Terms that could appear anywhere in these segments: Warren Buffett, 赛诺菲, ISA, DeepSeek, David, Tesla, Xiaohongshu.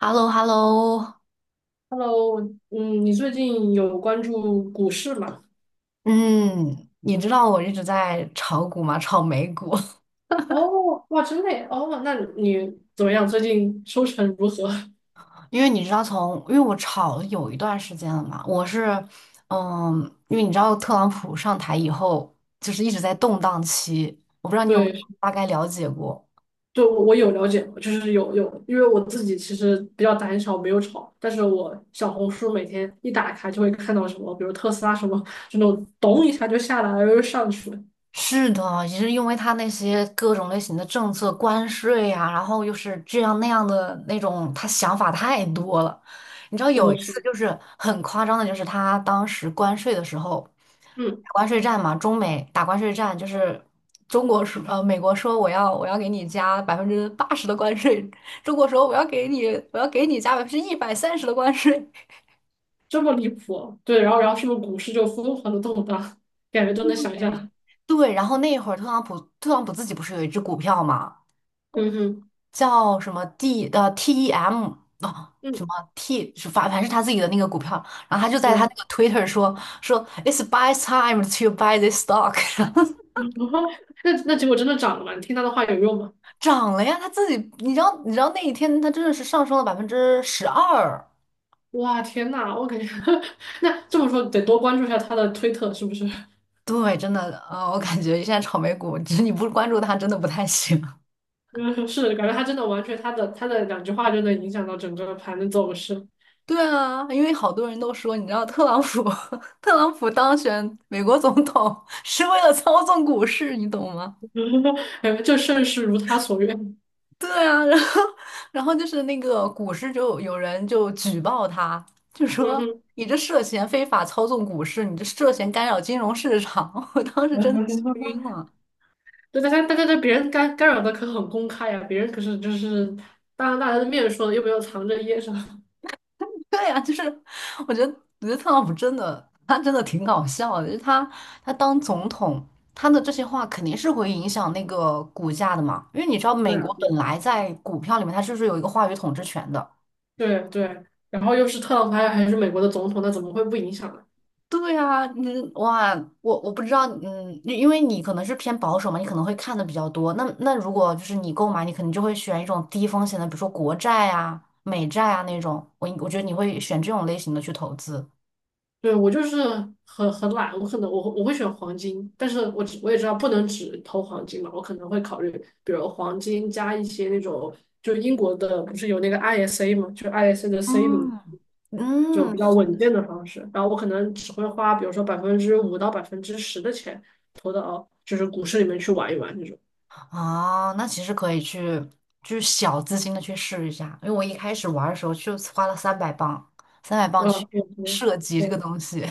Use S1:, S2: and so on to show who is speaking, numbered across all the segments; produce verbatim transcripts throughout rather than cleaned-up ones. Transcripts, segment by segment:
S1: h e l l o h e l l o。
S2: Hello，嗯，你最近有关注股市吗？
S1: 嗯，你知道我一直在炒股吗？炒美股，
S2: 哦，哇，真的耶哦，那你怎么样？最近收成如何？
S1: 因为你知道从，因为我炒了有一段时间了嘛，我是，嗯，因为你知道特朗普上台以后，就是一直在动荡期，我不知道 你有没有
S2: 对，
S1: 大概了解过。
S2: 对，我我有了解，就是有有，因为我自己其实比较胆小，没有炒，但是我小红书每天一打开就会看到什么，比如特斯拉什么，就那种咚一下就下来了，又上去了，
S1: 是的，也是因为他那些各种类型的政策、关税呀、然后又是这样那样的那种，他想法太多了。你知道
S2: 真
S1: 有一
S2: 的是，
S1: 次就是很夸张的，就是他当时关税的时候，
S2: 嗯，
S1: 打关税战嘛，中美打关税战，就是中国说呃美国说我要我要给你加百分之八十的关税，中国说我要给你我要给你加百分之一百三十的关税。
S2: 这么离谱哦，对，然后然后是不是股市就疯狂的动荡，感觉都能想
S1: 对，
S2: 象，
S1: 对，然后那会儿特朗普特朗普自己不是有一只股票嘛？
S2: 嗯哼，
S1: 叫什么 D 呃 T E M 啊、什
S2: 嗯，
S1: 么 T 是反反正是他自己的那个股票，然后他就在他那
S2: 对。
S1: 个 Twitter 说说 It's buy time to buy this stock，
S2: 那那结果真的涨了吗？你听他的话有用吗？
S1: 涨了呀，他自己你知道你知道那一天他真的是上升了百分之十二，
S2: 哇，天呐，我感觉。 那这么说得多关注一下他的推特，是不是？
S1: 对，真的啊、呃我感觉现在炒美股，只是你不关注他真的不太行。
S2: 嗯是，感觉他真的完全他的他的两句话就能影响到整个盘的走势。
S1: 对啊，因为好多人都说，你知道特朗普 特朗普当选美国总统 是为了操纵股市，你懂吗？
S2: 哎，这盛世如他所愿。
S1: 对啊，然后然后就是那个股市就有人就举报他，就
S2: 嗯
S1: 说
S2: 哼。
S1: 你这涉嫌非法操纵股市，你这涉嫌干扰金融市场。我当时真的笑晕 了。
S2: 对，大家大家对别人干干扰的可很公开呀、别人可是就是当着大家的面说的，又没有藏着掖着。
S1: 对呀，就是我觉得我觉得特朗普真的他真的挺搞笑的，就是他他当总统，他的这些话肯定是会影响那个股价的嘛，因为你知道
S2: 对
S1: 美
S2: 啊，
S1: 国
S2: 对啊，
S1: 本来在股票里面它就是有一个话语统治权的。
S2: 对对，然后又是特朗普，还还是美国的总统，那怎么会不影响呢？
S1: 对啊，你哇，我我不知道，嗯，因为你可能是偏保守嘛，你可能会看的比较多。那那如果就是你购买，你肯定就会选一种低风险的，比如说国债啊、美债啊那种。我我觉得你会选这种类型的去投资。
S2: 对，我就是很很懒，我可能我我会选黄金，但是我只我也知道不能只投黄金嘛，我可能会考虑，比如黄金加一些那种，就英国的不是有那个 I S A 嘛，就 I S A 的 saving
S1: 嗯，
S2: 这种
S1: 嗯，
S2: 比较稳健的方式，然后我可能只会花，比如说百分之五到百分之十的钱投到就是股市里面去玩一玩这种。
S1: 啊，那其实可以去就是小资金的去试一下，因为我一开始玩儿的时候就花了三百磅，三百磅
S2: 啊，
S1: 去
S2: 对对
S1: 涉及这个
S2: 对，
S1: 东西。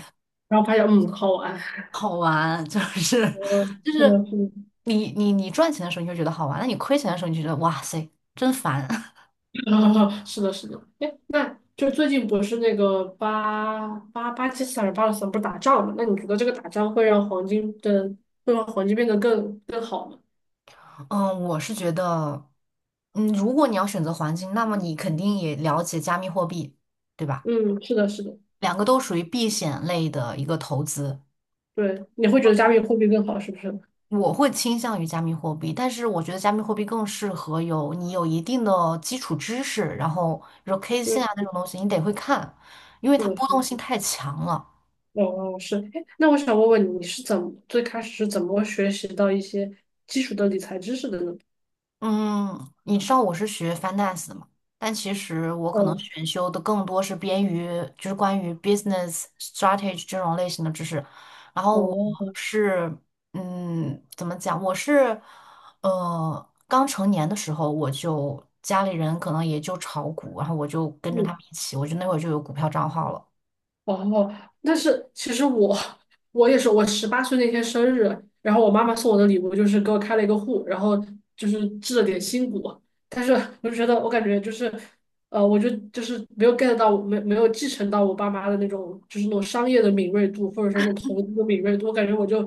S2: 然后发现嗯好玩，
S1: 好玩，就是
S2: 嗯，
S1: 就
S2: 是
S1: 是
S2: 的，是的。
S1: 你你你赚钱的时候你就觉得好玩，那你亏钱的时候你就觉得哇塞真烦。
S2: 啊，是的，是的，哎，那就最近不是那个巴巴巴基斯坦、巴勒斯坦不是打仗嘛？那你觉得这个打仗会让黄金的，会让黄金变得更更好吗？
S1: 嗯，我是觉得，嗯，如果你要选择黄金，那么你肯定也了解加密货币，对吧？
S2: 嗯，是的，是的。
S1: 两个都属于避险类的一个投资，
S2: 对，你会觉得加密货币更好，是不是？
S1: 我会倾向于加密货币，但是我觉得加密货币更适合有你有一定的基础知识，然后比如 K 线啊那
S2: 嗯，
S1: 种东西，你得会看，因为
S2: 是
S1: 它
S2: 的，
S1: 波
S2: 是
S1: 动
S2: 的，
S1: 性太强了。
S2: 哦哦，是。哎，那我想问问你，你是怎么最开始是怎么学习到一些基础的的理财知识的呢？
S1: 嗯，你知道我是学 finance 的嘛？但其实我
S2: 嗯，
S1: 可能
S2: 嗯。
S1: 选修的更多是边于就是关于 business strategy 这种类型的知识。然后我
S2: 哦，嗯。
S1: 是嗯，怎么讲？我是呃刚成年的时候，我就家里人可能也就炒股，然后我就跟着他们一起，我就那会儿就有股票账号了。
S2: 哦，但是其实我我也是，我十八岁那天生日，然后我妈妈送我的礼物就是给我开了一个户，然后就是置了点新股，但是我就觉得我感觉就是，呃，我就就是没有 get 到，没没有继承到我爸妈的那种就是那种商业的敏锐度，或者说那种投资的敏锐度，我感觉我就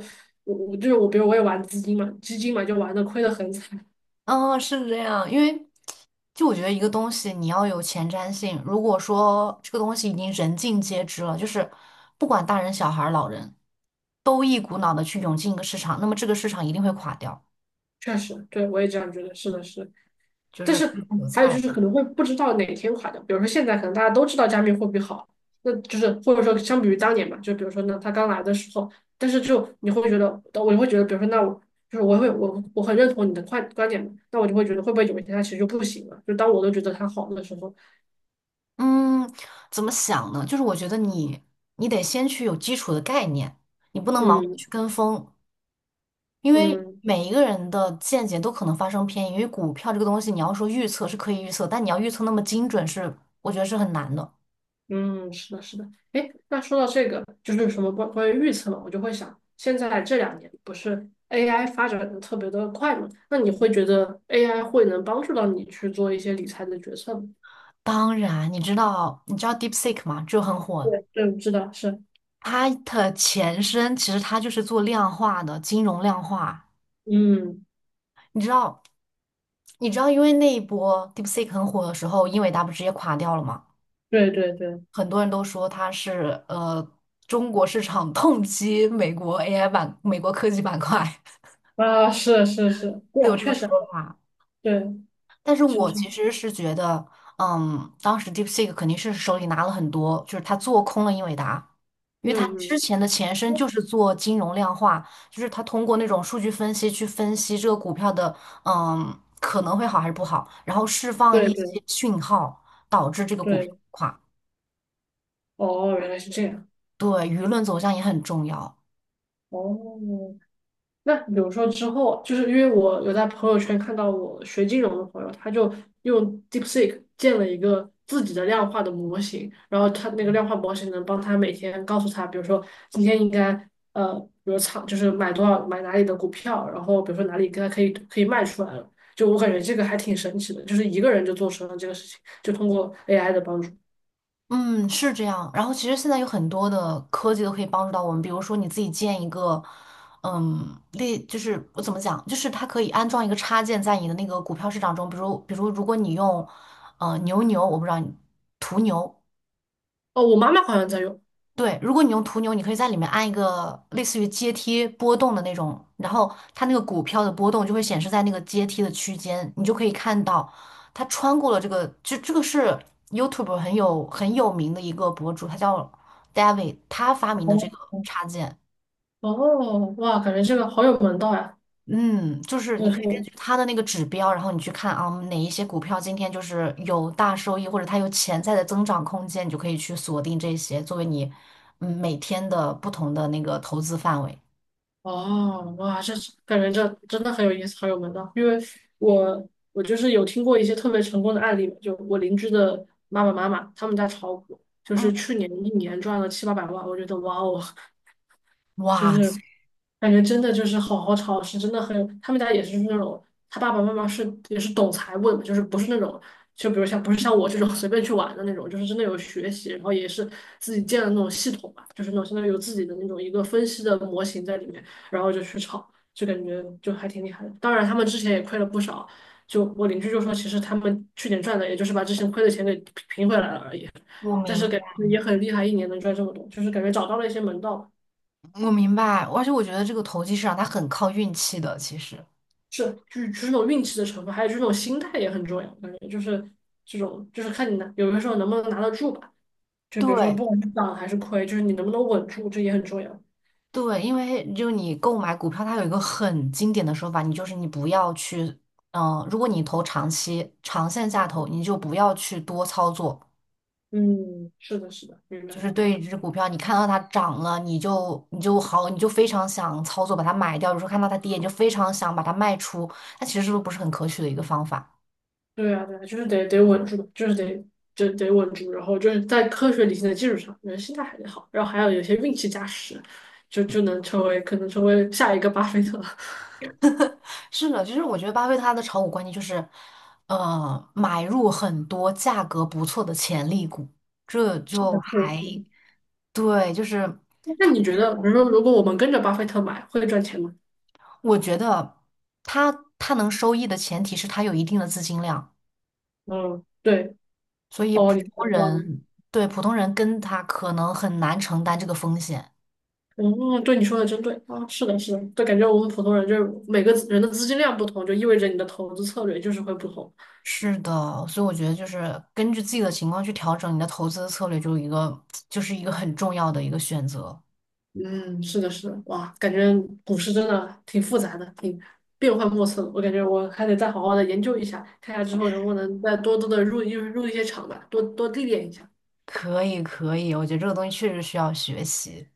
S2: 我我就是我，比如我也玩资金嘛，基金嘛就玩的亏的很惨。
S1: 嗯，是这样，因为就我觉得一个东西你要有前瞻性。如果说这个东西已经人尽皆知了，就是不管大人、小孩儿、老人，都一股脑的去涌进一个市场，那么这个市场一定会垮掉，
S2: 确实，对我也这样觉得，是的是的。
S1: 就
S2: 但
S1: 是
S2: 是
S1: 割韭
S2: 还有就
S1: 菜。
S2: 是可能会不知道哪天垮掉，比如说现在可能大家都知道加密货币好，那就是或者说相比于当年嘛，就比如说呢，他刚来的时候，但是就你会觉得，我就会觉得，比如说那我就是我会我我很认同你的观观点嘛，那我就会觉得会不会有一天它其实就不行了，就当我都觉得它好的时候。
S1: 嗯，怎么想呢？就是我觉得你你得先去有基础的概念，你不能盲目地
S2: 嗯
S1: 去跟风，因为
S2: 嗯。
S1: 每一个人的见解都可能发生偏移。因为股票这个东西，你要说预测是可以预测，但你要预测那么精准是，我觉得是很难的。
S2: 嗯，是的，是的。哎，那说到这个，就是什么关关于预测嘛，我就会想，现在这两年不是 A I 发展的特别的快嘛？那你会觉得 A I 会能帮助到你去做一些理财的决策吗？
S1: 当然，你知道你知道 DeepSeek 吗？就很火。
S2: 对，对，知道是，
S1: 它的前身其实它就是做量化的金融量化。
S2: 嗯，
S1: 你知道你知道，因为那一波 DeepSeek 很火的时候，英伟达不直接垮掉了吗？
S2: 对对对，
S1: 很多人都说它是呃中国市场 痛击美国 A I 板、美国科技板块，
S2: 啊，是是是，对
S1: 都
S2: 啊，
S1: 有这
S2: 确
S1: 个
S2: 实，
S1: 说法。
S2: 对，
S1: 但是
S2: 是
S1: 我
S2: 是，
S1: 其实是觉得，嗯，当时 DeepSeek 肯定是手里拿了很多，就是他做空了英伟达，因
S2: 嗯
S1: 为他之
S2: 嗯，
S1: 前的前身就是做金融量化，就是他通过那种数据分析去分析这个股票的，嗯，可能会好还是不好，然后释放
S2: 对
S1: 一些
S2: 对
S1: 讯号，导致这个股票
S2: 对，
S1: 垮。
S2: 哦，原来是这样。
S1: 对，舆论走向也很重要。
S2: 哦，那比如说之后，就是因为我有在朋友圈看到我学金融的朋友，他就用 DeepSeek 建了一个自己的量化的模型，然后他那个量化模型能帮他每天告诉他，比如说今天应该呃，比如仓就是买多少买哪里的股票，然后比如说哪里该可以可以卖出来了。就我感觉这个还挺神奇的，就是一个人就做成了这个事情，就通过 A I 的帮助。
S1: 嗯，是这样。然后其实现在有很多的科技都可以帮助到我们，比如说你自己建一个，嗯，类就是我怎么讲，就是它可以安装一个插件在你的那个股票市场中，比如比如如果你用，呃，牛牛，我不知道你途牛，
S2: 哦，我妈妈好像在用。
S1: 对，如果你用途牛，你可以在里面按一个类似于阶梯波动的那种，然后它那个股票的波动就会显示在那个阶梯的区间，你就可以看到它穿过了这个，这这个是 YouTube 很有很有名的一个博主，他叫 David，他发明的这个插件，
S2: 哦，哇，感觉这个好有门道呀！
S1: 嗯，就是你
S2: 就是。
S1: 可以根据他的那个指标，然后你去看啊嗯哪一些股票今天就是有大收益，或者它有潜在的增长空间，你就可以去锁定这些作为你嗯每天的不同的那个投资范围。
S2: 哦，哇，这感觉这真的很有意思，很有门道。因为我我就是有听过一些特别成功的案例，就我邻居的妈妈妈妈，他们家炒股，就
S1: 嗯，
S2: 是去年一年赚了七八百万，我觉得哇哦，就
S1: 哇
S2: 是
S1: 塞
S2: 感觉真的就是好好炒，是真的很，他们家也是那种，他爸爸妈妈是也是懂财务的嘛，就是不是那种，就比如像不是像我这种 随便去玩的那种，就是真的有学习，然后也是自己建的那种系统吧，就是那种相当于有自己的那种一个分析的模型在里面，然后就去炒，就感觉就还挺厉害的。当然，他们之前也亏了不少，就我邻居就说，其实他们去年赚的，也就是把之前亏的钱给平平回来了而已，
S1: 我
S2: 但是
S1: 明
S2: 感觉也很厉害，一年能赚这么多，就是感觉找到了一些门道。
S1: 我明白，而且我觉得这个投机市场它很靠运气的，其实。
S2: 是，就是就是那种运气的成分，还有就是那种心态也很重要。感觉就是这种，就是看你拿，有的时候能不能拿得住吧。就比如说，
S1: 对
S2: 不管是涨还是亏，就是你能不能稳住，这也很重要。
S1: 对，因为就你购买股票，它有一个很经典的说法，你就是你不要去，嗯、如果你投长期、长线下投，你就不要去多操作。
S2: 嗯，是的，是的，明白
S1: 就是
S2: 明白。
S1: 对于一只股票，你看到它涨了，你就你就好，你就非常想操作把它买掉；，有时候看到它跌，你就非常想把它卖出。它其实是不是很可取的一个方法？
S2: 对啊，对啊，就是得得稳住，就是得就得稳住，然后就是在科学理性的基础上，人心态还得好，然后还有有些运气加持，就就能成为可能成为下一个巴菲特。
S1: 是的，其实我觉得巴菲特他的炒股观念就是，呃，买入很多价格不错的潜力股，这
S2: 是
S1: 就
S2: 的，是的
S1: 还
S2: 是的。
S1: 对，就是
S2: 那你觉得，比如说，如果我们跟着巴菲特买，会赚钱吗？
S1: 我觉得他他能收益的前提是他有一定的资金量，
S2: 嗯，对，
S1: 所以
S2: 哦，
S1: 普
S2: 你说
S1: 通
S2: 的道理。
S1: 人对普通人跟他可能很难承担这个风险。
S2: 嗯，对你说的真对啊，是的，是的，就感觉我们普通人就是每个人的资金量不同，就意味着你的投资策略就是会不同。
S1: 是的，所以我觉得就是根据自己的情况去调整你的投资策略，就一个 就是一个很重要的一个选择。
S2: 嗯，是的，是的，哇，感觉股市真的挺复杂的，挺变幻莫测的。我感觉我还得再好好的研究一下，看下之后能不能再多多的入入入一些场吧，多多历练一下。
S1: 可以，可以，我觉得这个东西确实需要学习。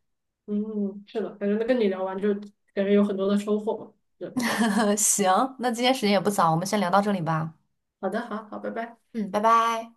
S2: 嗯，是的，感觉跟你聊完就感觉有很多的收获嘛。对，
S1: 行，那今天时间也不早，我们先聊到这里吧。
S2: 好的，好好，拜拜。
S1: 嗯，拜拜。